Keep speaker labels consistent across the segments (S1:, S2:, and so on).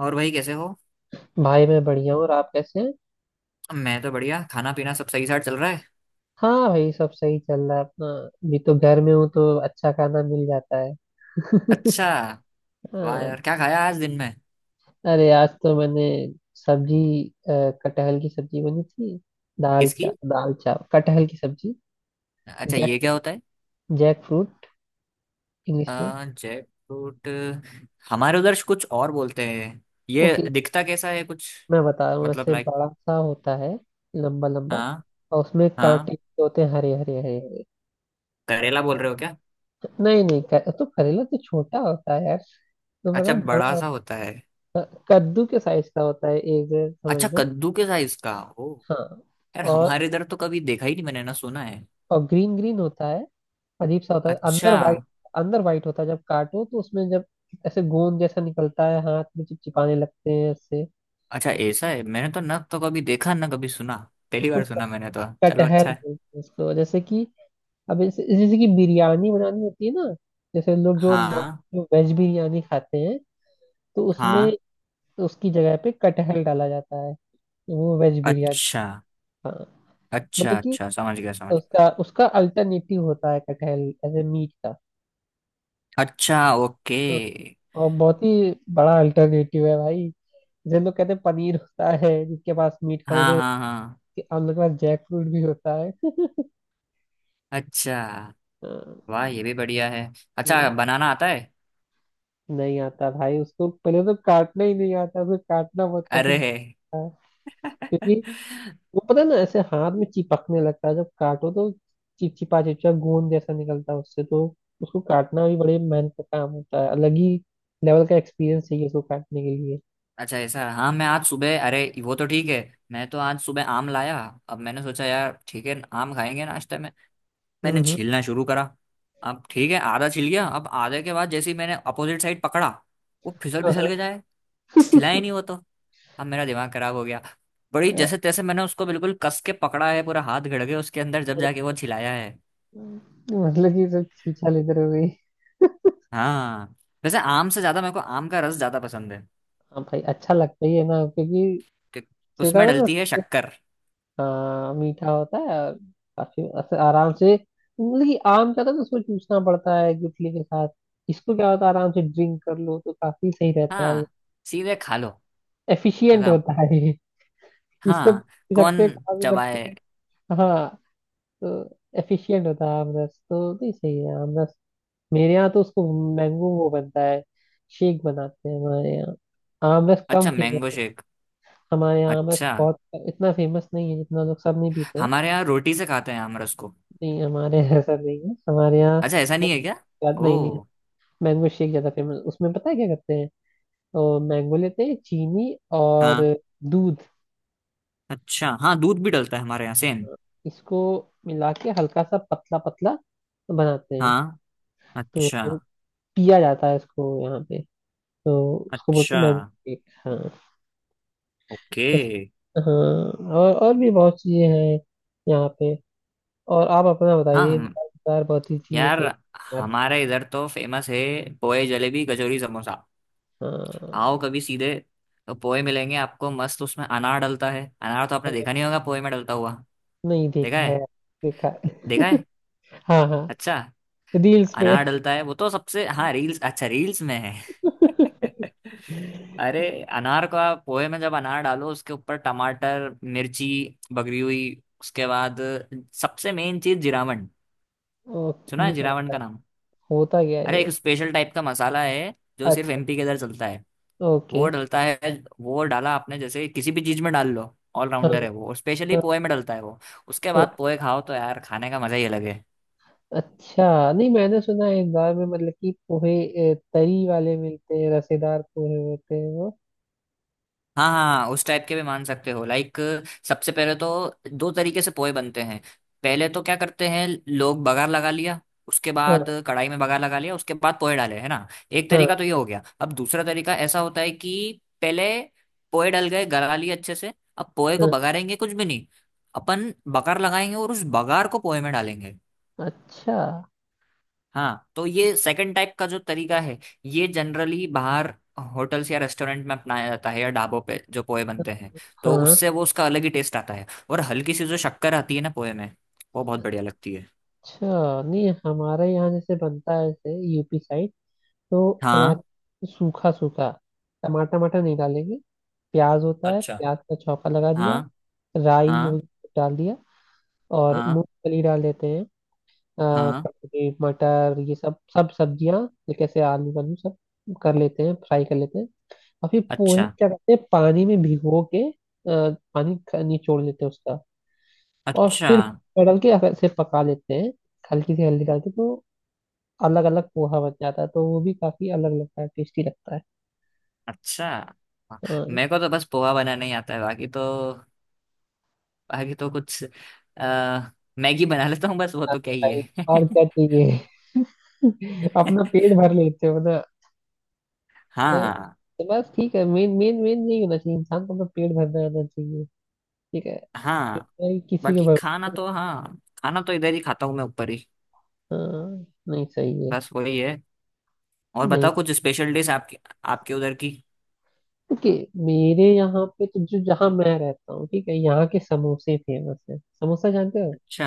S1: और भाई कैसे हो?
S2: भाई मैं बढ़िया हूँ। और आप कैसे हैं?
S1: मैं तो बढ़िया। खाना पीना सब सही साथ चल रहा है।
S2: हाँ भाई, सब सही चल रहा है। अपना भी तो घर में हूँ तो अच्छा खाना मिल जाता है।
S1: अच्छा। वाह
S2: हाँ।
S1: यार, क्या खाया आज दिन में?
S2: अरे आज तो मैंने सब्जी अ, कटहल की सब्जी बनी थी। दाल
S1: किसकी?
S2: चा दाल चावल कटहल की सब्जी।
S1: अच्छा, ये
S2: जैक
S1: क्या होता है?
S2: जैक फ्रूट इंग्लिश में।
S1: जैकफ्रूट। हमारे उधर कुछ और बोलते हैं। ये
S2: ओके,
S1: दिखता कैसा है कुछ?
S2: मैं बता रहा हूँ
S1: मतलब
S2: ऐसे
S1: लाइक?
S2: बड़ा सा होता है। लंबा लंबा,
S1: हाँ।
S2: और उसमें
S1: हाँ।
S2: कांटे भी होते हैं। हरे हरे हरे हरे।
S1: करेला बोल रहे हो क्या?
S2: नहीं नहीं क- तो करेला तो छोटा होता है यार। तो
S1: अच्छा,
S2: मतलब
S1: बड़ा
S2: बड़ा,
S1: सा होता है।
S2: कद्दू के साइज का होता है एक, जैसे समझ
S1: अच्छा,
S2: लो।
S1: कद्दू के साइज का। ओ।
S2: हाँ।
S1: यार
S2: और
S1: हमारे इधर तो कभी देखा ही नहीं मैंने, ना सुना है।
S2: और ग्रीन ग्रीन होता है। अजीब सा होता है, अंदर
S1: अच्छा।
S2: वाइट। अंदर वाइट होता है, जब काटो तो उसमें जब ऐसे गोंद जैसा निकलता है, हाथ में चिपचिपाने लगते हैं ऐसे।
S1: अच्छा, ऐसा है? मैंने तो ना तो कभी देखा, ना कभी सुना। पहली
S2: उसको
S1: बार
S2: क-
S1: सुना मैंने तो। चलो,
S2: कटहल
S1: अच्छा।
S2: बोलते हैं उसको। जैसे कि अब जैसे जैसे कि बिरयानी बनानी होती है ना, जैसे लोग जो
S1: हाँ,
S2: जो वेज बिरयानी खाते हैं तो उसमें,
S1: हाँ।
S2: उसकी जगह पे कटहल डाला जाता है, वो वेज बिरयानी।
S1: अच्छा।
S2: हाँ।
S1: अच्छा।
S2: मतलब कि
S1: अच्छा, समझ गया समझ
S2: उसका उसका अल्टरनेटिव होता है कटहल, एज ए मीट का।
S1: गया। अच्छा, ओके।
S2: और बहुत ही बड़ा अल्टरनेटिव है भाई। जैसे लोग कहते हैं पनीर होता है जिसके पास मीट खाने
S1: हाँ,
S2: दो,
S1: हाँ, हाँ।
S2: हम लोग के पास जैक फ्रूट भी होता है।
S1: अच्छा।
S2: अ,
S1: वाह, ये भी बढ़िया है।
S2: नहीं,
S1: अच्छा, बनाना आता है?
S2: नहीं आता भाई। उसको पहले तो काटना ही नहीं आता, उसको काटना बहुत कठिन
S1: अरे।
S2: होता है। क्योंकि वो पता है ना ऐसे हाथ में चिपकने लगता है जब काटो तो, चिपचिपा चिपचिपा गोंद जैसा निकलता है उससे तो। उसको काटना भी बड़े मेहनत का काम होता है, अलग ही लेवल का एक्सपीरियंस चाहिए उसको काटने के लिए।
S1: अच्छा, ऐसा? हाँ, मैं आज सुबह, अरे वो तो ठीक है। मैं तो आज सुबह आम लाया। अब मैंने सोचा, यार ठीक है, आम खाएंगे नाश्ते में। मैंने
S2: हम्म
S1: छीलना शुरू करा। अब ठीक है, आधा छिल गया। अब आधे के बाद जैसे ही मैंने अपोजिट साइड पकड़ा, वो फिसल फिसल के हिला ही नहीं वो तो। अब मेरा दिमाग खराब हो गया। बड़ी
S2: हम्म।
S1: जैसे तैसे मैंने उसको बिल्कुल कस के पकड़ा है, पूरा हाथ घड़ के उसके अंदर जब जाके वो छिलाया है।
S2: मतलब कि सब खींचा लेते रहोगे।
S1: हाँ। वैसे आम से ज्यादा मेरे को आम का रस ज्यादा पसंद है।
S2: हाँ भाई, अच्छा लगता ही है ना, क्योंकि
S1: कि
S2: सीधा
S1: उसमें
S2: ना।
S1: डलती है शक्कर।
S2: हाँ, मीठा होता है, और काफी ऐसे आराम से, मतलब कि आम का था तो उसको चूसना पड़ता है गुठली के साथ। इसको क्या होता है, आराम से ड्रिंक कर लो तो काफी सही रहता है।
S1: हाँ, सीधे खा लो।
S2: एफिशिएंट
S1: खत्म।
S2: होता है ये। इसको
S1: हाँ।
S2: पी सकते
S1: कौन
S2: हैं, खा भी
S1: चबाए?
S2: सकते हैं। हाँ, तो एफिशिएंट होता है आम रस तो, नहीं सही है आम रस। मेरे यहाँ तो उसको मैंगो, वो बनता है, शेक बनाते हैं हमारे यहाँ। आम रस कम
S1: अच्छा, मैंगो
S2: फेमस,
S1: शेक।
S2: हमारे यहाँ बस
S1: अच्छा।
S2: बहुत इतना फेमस नहीं है, जितना लोग सब नहीं पीते हैं।
S1: हमारे यहाँ रोटी से खाते हैं आम रस को।
S2: नहीं हमारे यहाँ ऐसा नहीं है हमारे यहाँ।
S1: अच्छा, ऐसा नहीं है क्या?
S2: याद नहीं, नहीं।
S1: ओ।
S2: मैंगो शेक ज्यादा फेमस, उसमें पता है क्या करते हैं, तो मैंगो लेते हैं, चीनी और
S1: हाँ।
S2: दूध,
S1: अच्छा, हाँ दूध भी डलता है हमारे यहाँ, सेम।
S2: इसको मिला के हल्का सा पतला पतला बनाते हैं।
S1: हाँ।
S2: तो
S1: अच्छा।
S2: वो पिया जाता है इसको यहाँ पे। तो उसको बोलते
S1: अच्छा,
S2: हैं मैंगो शेक। हाँ।
S1: ओके।
S2: बस। हाँ। और भी बहुत चीजें हैं यहाँ पे। और आप अपना
S1: हाँ,
S2: बताइए।
S1: हम।
S2: दाल, बहुत ही चीजें
S1: यार
S2: फेमस।
S1: हमारे इधर तो फेमस है। पोए, जलेबी, कचौरी, समोसा। आओ
S2: हाँ।
S1: कभी सीधे। तो पोए मिलेंगे आपको मस्त, उसमें अनार डलता है। अनार तो आपने
S2: हाँ,
S1: देखा नहीं होगा पोए में डलता हुआ।
S2: नहीं
S1: देखा
S2: देखा है।
S1: है?
S2: देखा है,
S1: देखा है?
S2: हाँ हाँ,
S1: अच्छा।
S2: रील्स पे।
S1: अनार डलता है वो तो सबसे, हाँ, रील्स। अच्छा, रील्स में है। अरे, अनार को आप पोहे में जब अनार डालो, उसके ऊपर टमाटर मिर्ची बगरी हुई, उसके बाद सबसे मेन चीज जिरावन।
S2: ओ।
S1: सुना है
S2: ये क्या
S1: जिरावन
S2: होता
S1: का
S2: है?
S1: नाम?
S2: होता क्या है
S1: अरे, एक
S2: ये?
S1: स्पेशल टाइप का मसाला है। जो सिर्फ
S2: अच्छा,
S1: एमपी के इधर चलता है।
S2: ओके।
S1: वो डलता है। वो डाला आपने, जैसे किसी भी चीज में डाल लो,
S2: हाँ।
S1: ऑलराउंडर है वो, और स्पेशली
S2: हाँ,
S1: पोहे में डलता है वो। उसके बाद
S2: ओके।
S1: पोहे खाओ तो यार, खाने का मजा ही अलग है।
S2: अच्छा नहीं, मैंने सुना है इंदौर में, मतलब कि पोहे तरी वाले मिलते हैं, रसेदार पोहे होते हैं वो।
S1: हाँ, हाँ, हाँ, उस टाइप के भी मान सकते हो लाइक। सबसे पहले तो दो तरीके से पोहे बनते हैं। पहले तो क्या करते हैं, लोग बघार लगा लिया। उसके
S2: हाँ
S1: बाद कढ़ाई में बघार लगा लिया, उसके बाद पोहे डाले, है ना? एक तरीका
S2: हाँ
S1: तो ये हो गया। अब दूसरा तरीका ऐसा होता है कि पहले पोहे डल गए, गला लिए अच्छे से। अब पोहे को
S2: हाँ।
S1: बघारेंगे कुछ भी नहीं, अपन बघार लगाएंगे और उस बघार को पोहे में डालेंगे।
S2: अच्छा।
S1: हाँ, तो ये सेकंड टाइप का जो तरीका है, ये जनरली बाहर होटल्स या रेस्टोरेंट में अपनाया जाता है, या ढाबों पे जो पोहे बनते हैं, तो
S2: हाँ।
S1: उससे वो उसका अलग ही टेस्ट आता है। और हल्की सी जो शक्कर आती है ना पोहे में, वो बहुत बढ़िया लगती है।
S2: अच्छा नहीं, हमारे यहाँ जैसे बनता है, जैसे यूपी साइड, तो
S1: हाँ।
S2: हमारे सूखा सूखा। टमाटर, टमाटर नहीं डालेंगे। प्याज होता है,
S1: अच्छा।
S2: प्याज का छौंका लगा दिया,
S1: हाँ,
S2: राई
S1: हाँ,
S2: हो- डाल दिया, और
S1: हाँ,
S2: मूंगफली डाल देते हैं। अ,
S1: हाँ।
S2: ककड़ी मटर ये सब, सब्जियां ये, कैसे आलू वालू सब कर लेते हैं, फ्राई कर लेते हैं। और फिर पोहे को
S1: अच्छा।
S2: क्या करते हैं, पानी में भिगो के, निचोड़ लेते हैं उसका, और
S1: अच्छा।
S2: फिर डाल के ऐसे पका लेते हैं, हल्की सी हल्दी डाल के। तो अलग अलग पोहा बन जाता है, तो वो भी काफी अलग लगता है, टेस्टी लगता है।
S1: अच्छा, हाँ।
S2: हाँ।
S1: मेरे को तो बस पोहा बनाना ही आता है, बाकी तो, बाकी तो कुछ अ, मैगी बना लेता हूँ बस, वो तो
S2: अरे
S1: क्या ही
S2: भाई,
S1: है।
S2: और क्या चाहिए। अपना पेट भर लेते हो ना।
S1: हाँ।
S2: तो बस ठीक है। मेन मेन मेन यही होना चाहिए, इंसान को अपना पेट भरना आना चाहिए। ठीक है
S1: हाँ,
S2: भाई, किसी के
S1: बाकी
S2: भर।
S1: खाना तो हाँ, खाना तो इधर ही खाता हूँ मैं, ऊपर ही।
S2: हाँ, नहीं सही है।
S1: बस वही है। और
S2: नहीं,
S1: बताओ कुछ स्पेशल डिश आपके आपके उधर की।
S2: ओके। मेरे यहाँ पे तो, जो जहाँ मैं रहता हूँ, ठीक है, यहाँ के समोसे फेमस है, समोसा जानते हो।
S1: अच्छा।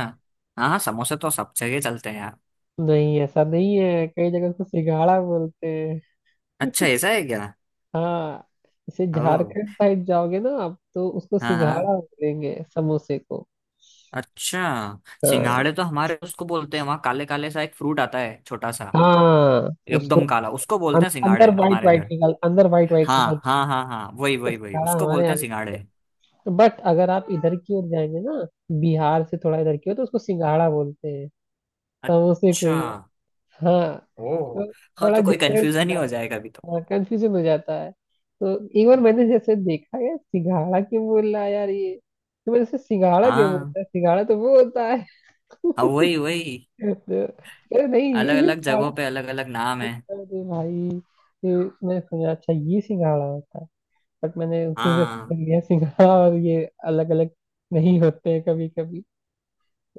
S1: हाँ, हाँ, समोसे तो सब जगह चलते हैं यार।
S2: नहीं ऐसा नहीं है, कई जगह उसको सिंघाड़ा बोलते हैं।
S1: अच्छा, ऐसा है क्या?
S2: हाँ, इसे
S1: ओह।
S2: झारखंड साइड जाओगे ना आप, तो उसको
S1: हाँ, हाँ।
S2: सिंघाड़ा बोलेंगे समोसे को।
S1: अच्छा,
S2: हाँ
S1: सिंघाड़े तो हमारे उसको बोलते हैं वहाँ, काले काले सा एक फ्रूट आता है छोटा सा,
S2: हाँ। उसको,
S1: एकदम काला, उसको बोलते हैं सिंघाड़े हमारे इधर।
S2: अंदर वाइट वाइट निकल।
S1: हाँ, हाँ, हाँ, हाँ, वही
S2: तो
S1: वही वही
S2: सिंघाड़ा
S1: उसको
S2: हमारे
S1: बोलते
S2: यहाँ
S1: हैं सिंघाड़े।
S2: बोलते हैं, बट अगर आप इधर की ओर जाएंगे ना, बिहार से थोड़ा इधर की ओर, तो उसको सिंघाड़ा बोलते हैं समोसे को
S1: अच्छा।
S2: ही। हाँ।
S1: ओह।
S2: तो
S1: हाँ,
S2: बड़ा
S1: तो कोई
S2: डिफरेंस,
S1: कंफ्यूजन ही हो जाए कभी तो।
S2: कंफ्यूजन हो जाता है। तो एक बार मैंने जैसे देखा, यार सिंघाड़ा क्यों बोल रहा है यार ये। तो मैंने जैसे, सिंघाड़ा क्यों
S1: हाँ,
S2: बोलता है, सिंघाड़ा तो वो होता है।
S1: हाँ, वही वही।
S2: तो अरे नहीं, ये
S1: अलग
S2: भी
S1: अलग
S2: सिंघाड़ा
S1: जगहों पे अलग अलग नाम
S2: है।
S1: है।
S2: अरे भाई, ये, मैं समझा, अच्छा ये सिंघाड़ा होता है, बट मैंने उतनी देर से
S1: हाँ,
S2: सीख लिया सिंघाड़ा, और ये अलग अलग नहीं होते हैं कभी कभी।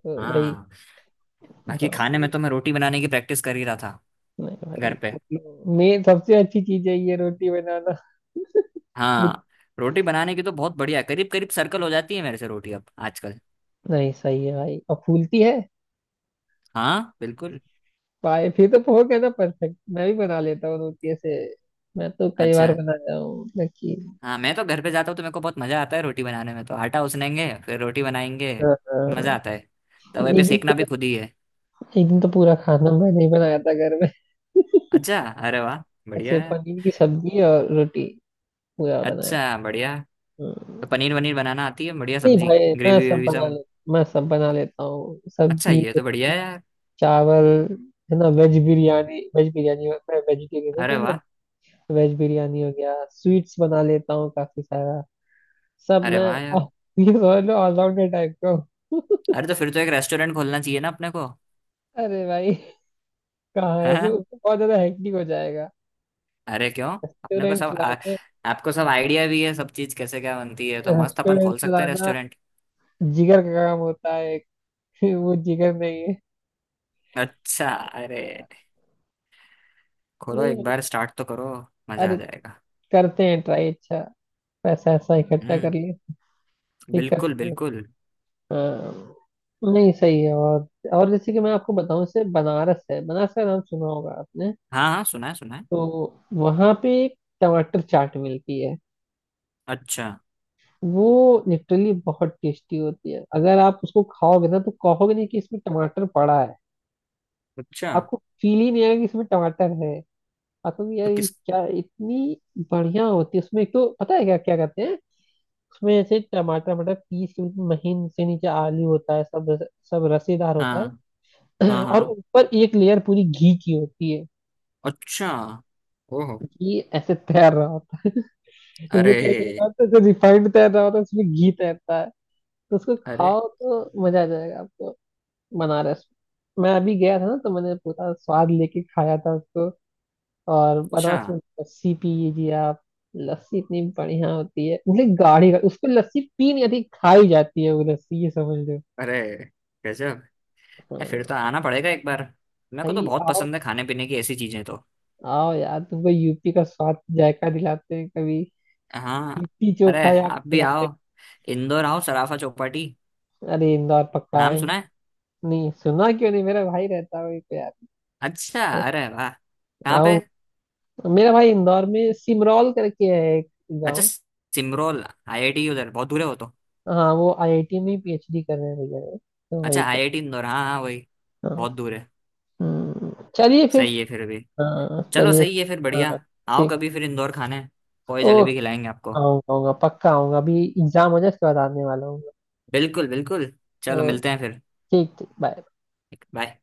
S2: तो वही।
S1: हाँ। बाकी
S2: हाँ
S1: खाने में
S2: तो,
S1: तो मैं रोटी बनाने की प्रैक्टिस कर ही रहा था
S2: नहीं
S1: घर
S2: भाई,
S1: पे।
S2: मेन सबसे अच्छी चीज है ये रोटी बनाना।
S1: हाँ। रोटी बनाने की तो बहुत बढ़िया है, करीब करीब सर्कल हो जाती है मेरे से रोटी अब आजकल।
S2: नहीं सही है भाई, और फूलती है
S1: हाँ, बिल्कुल।
S2: भाई, फिर तो पोह है ना परफेक्ट। मैं भी बना लेता हूँ रोटी ऐसे, मैं तो कई
S1: अच्छा।
S2: बार बनाया हूँ, लेकिन।
S1: हाँ, मैं तो घर पे जाता हूँ तो मेरे को बहुत मजा आता है रोटी बनाने में, तो आटा उसनेंगे फिर रोटी बनाएंगे।
S2: हाँ।
S1: मजा
S2: हाँ,
S1: आता है। तवे पे
S2: एक दिन
S1: सेकना भी
S2: तो,
S1: खुद ही है।
S2: एक दिन तो पूरा खाना मैंने ही बनाया था घर में,
S1: अच्छा, अरे वाह,
S2: ऐसे
S1: बढ़िया है।
S2: पनीर की सब्जी और रोटी पूरा बनाया
S1: अच्छा, बढ़िया।
S2: था।
S1: तो
S2: हाँ।
S1: पनीर वनीर बनाना आती है, बढ़िया
S2: नहीं
S1: सब्जी?
S2: भाई मैं
S1: ग्रेवी
S2: सब
S1: वेवी
S2: बना
S1: सब?
S2: ले, मैं सब बना लेता हूँ,
S1: अच्छा,
S2: सब्जी,
S1: ये तो बढ़िया है यार।
S2: चावल, है ना, वेज बिरयानी, वेज बिरयानी, मैं वेजिटेरियन हूँ तो
S1: अरे
S2: मैं,
S1: वाह।
S2: वेज बिरयानी हो गया, स्वीट्स बना लेता हूँ काफी सारा, सब
S1: अरे
S2: मैं।
S1: वाह
S2: आह,
S1: यार।
S2: ये समझ लो, ऑलराउंडर टाइप का हूँ।
S1: अरे, तो फिर तो एक रेस्टोरेंट खोलना चाहिए ना अपने को।
S2: अरे भाई, कहाँ है,
S1: हैं?
S2: सो बहुत ज्यादा हेक्टिक हो जाएगा
S1: अरे क्यों? अपने को
S2: रेस्टोरेंट
S1: सब
S2: चलाना।
S1: आपको सब आइडिया भी है सब चीज कैसे क्या बनती है, तो मस्त अपन
S2: रेस्टोरेंट
S1: खोल सकते हैं
S2: चलाना
S1: रेस्टोरेंट।
S2: जिगर का काम होता है एक। वो जिगर नहीं है।
S1: अच्छा, अरे। खोलो, एक
S2: नहीं,
S1: बार स्टार्ट तो करो। मजा आ
S2: अरे
S1: जाएगा।
S2: करते हैं ट्राई, अच्छा पैसा ऐसा इकट्ठा
S1: हम्म।
S2: कर ले, ठीक है।
S1: बिल्कुल, बिल्कुल।
S2: हाँ, नहीं सही है। और जैसे कि मैं आपको बताऊं, इससे बनारस है, बनारस का नाम सुना होगा आपने।
S1: हाँ, हाँ, सुना है, सुना है।
S2: तो वहां पे एक टमाटर चाट मिलती है,
S1: अच्छा।
S2: वो लिटरली बहुत टेस्टी होती है। अगर आप उसको खाओगे ना तो कहोगे नहीं कि इसमें टमाटर पड़ा है।
S1: अच्छा।
S2: आपको फील ही नहीं आएगा कि इसमें टमाटर है। आप कहोगे यार
S1: तो
S2: ये
S1: किस?
S2: क्या, इतनी बढ़िया होती है, उसमें एक तो पता है क्या क्या करते हैं। उसमें ऐसे टमाटर, टमाटर पीस के महीन से, नीचे आलू होता है, सब सब रसेदार होता
S1: हाँ,
S2: है।
S1: हाँ,
S2: और
S1: हाँ।
S2: ऊपर एक लेयर पूरी घी की होती है।
S1: अच्छा। ओहो।
S2: घी ऐसे तैर रहा होता है, जैसे
S1: अरे।
S2: कई जगह होता है, जैसे रिफाइंड तैर रहा होता है, उसमें घी तैरता है। तो उसको
S1: अरे।
S2: खाओ तो मजा आ जाएगा आपको। बनारस मैं अभी गया था ना, तो मैंने पूरा स्वाद लेके खाया था उसको। और
S1: अच्छा।
S2: बनारस में लस्सी पीजिए आप। लस्सी इतनी बढ़िया होती है, मतलब गाढ़ी गाढ़ी- उसको लस्सी पी नहीं आती, खाई जाती है वो लस्सी, ये समझ लो।
S1: अरे, गजब। फिर
S2: हाँ
S1: तो आना पड़ेगा एक बार। मेरे को तो
S2: भाई
S1: बहुत
S2: आओ,
S1: पसंद है खाने पीने की ऐसी चीजें तो।
S2: आओ यार, तुमको यूपी का स्वाद जायका दिलाते हैं कभी,
S1: हाँ।
S2: लिट्टी
S1: अरे,
S2: चोखा यार
S1: आप भी
S2: खिलाते
S1: आओ। इंदौर आओ, सराफा चौपाटी।
S2: हैं। अरे इंदौर पक्का
S1: नाम सुना
S2: आएंगे,
S1: है?
S2: नहीं सुना क्यों नहीं, मेरा भाई रहता है वहीं पे यार।
S1: अच्छा, अरे वाह, कहाँ
S2: आओ,
S1: पे?
S2: मेरा भाई इंदौर में सिमरौल करके है एक
S1: अच्छा,
S2: गाँव।
S1: सिमरोल। आईआईटी उधर बहुत दूर है वो तो।
S2: हाँ, वो आईआईटी में पीएचडी कर रहे हैं भैया वो, तो
S1: अच्छा,
S2: वहीं पे।
S1: आईआईटी इंदौर। हाँ, हाँ, वही। बहुत
S2: हाँ।
S1: दूर है।
S2: हम्म, चलिए फिर।
S1: सही है फिर भी।
S2: हाँ
S1: चलो,
S2: चलिए।
S1: सही है फिर बढ़िया।
S2: हाँ
S1: आओ
S2: ठीक।
S1: कभी फिर इंदौर खाने, पोए
S2: ओ,
S1: जलेबी खिलाएंगे आपको।
S2: आऊंगा आऊंगा पक्का आऊंगा, अभी एग्जाम हो जाए उसके बाद आने वाला हूँ।
S1: बिल्कुल, बिल्कुल।
S2: ओ,
S1: चलो, मिलते हैं फिर।
S2: ठीक ठीक, बाय।
S1: बाय।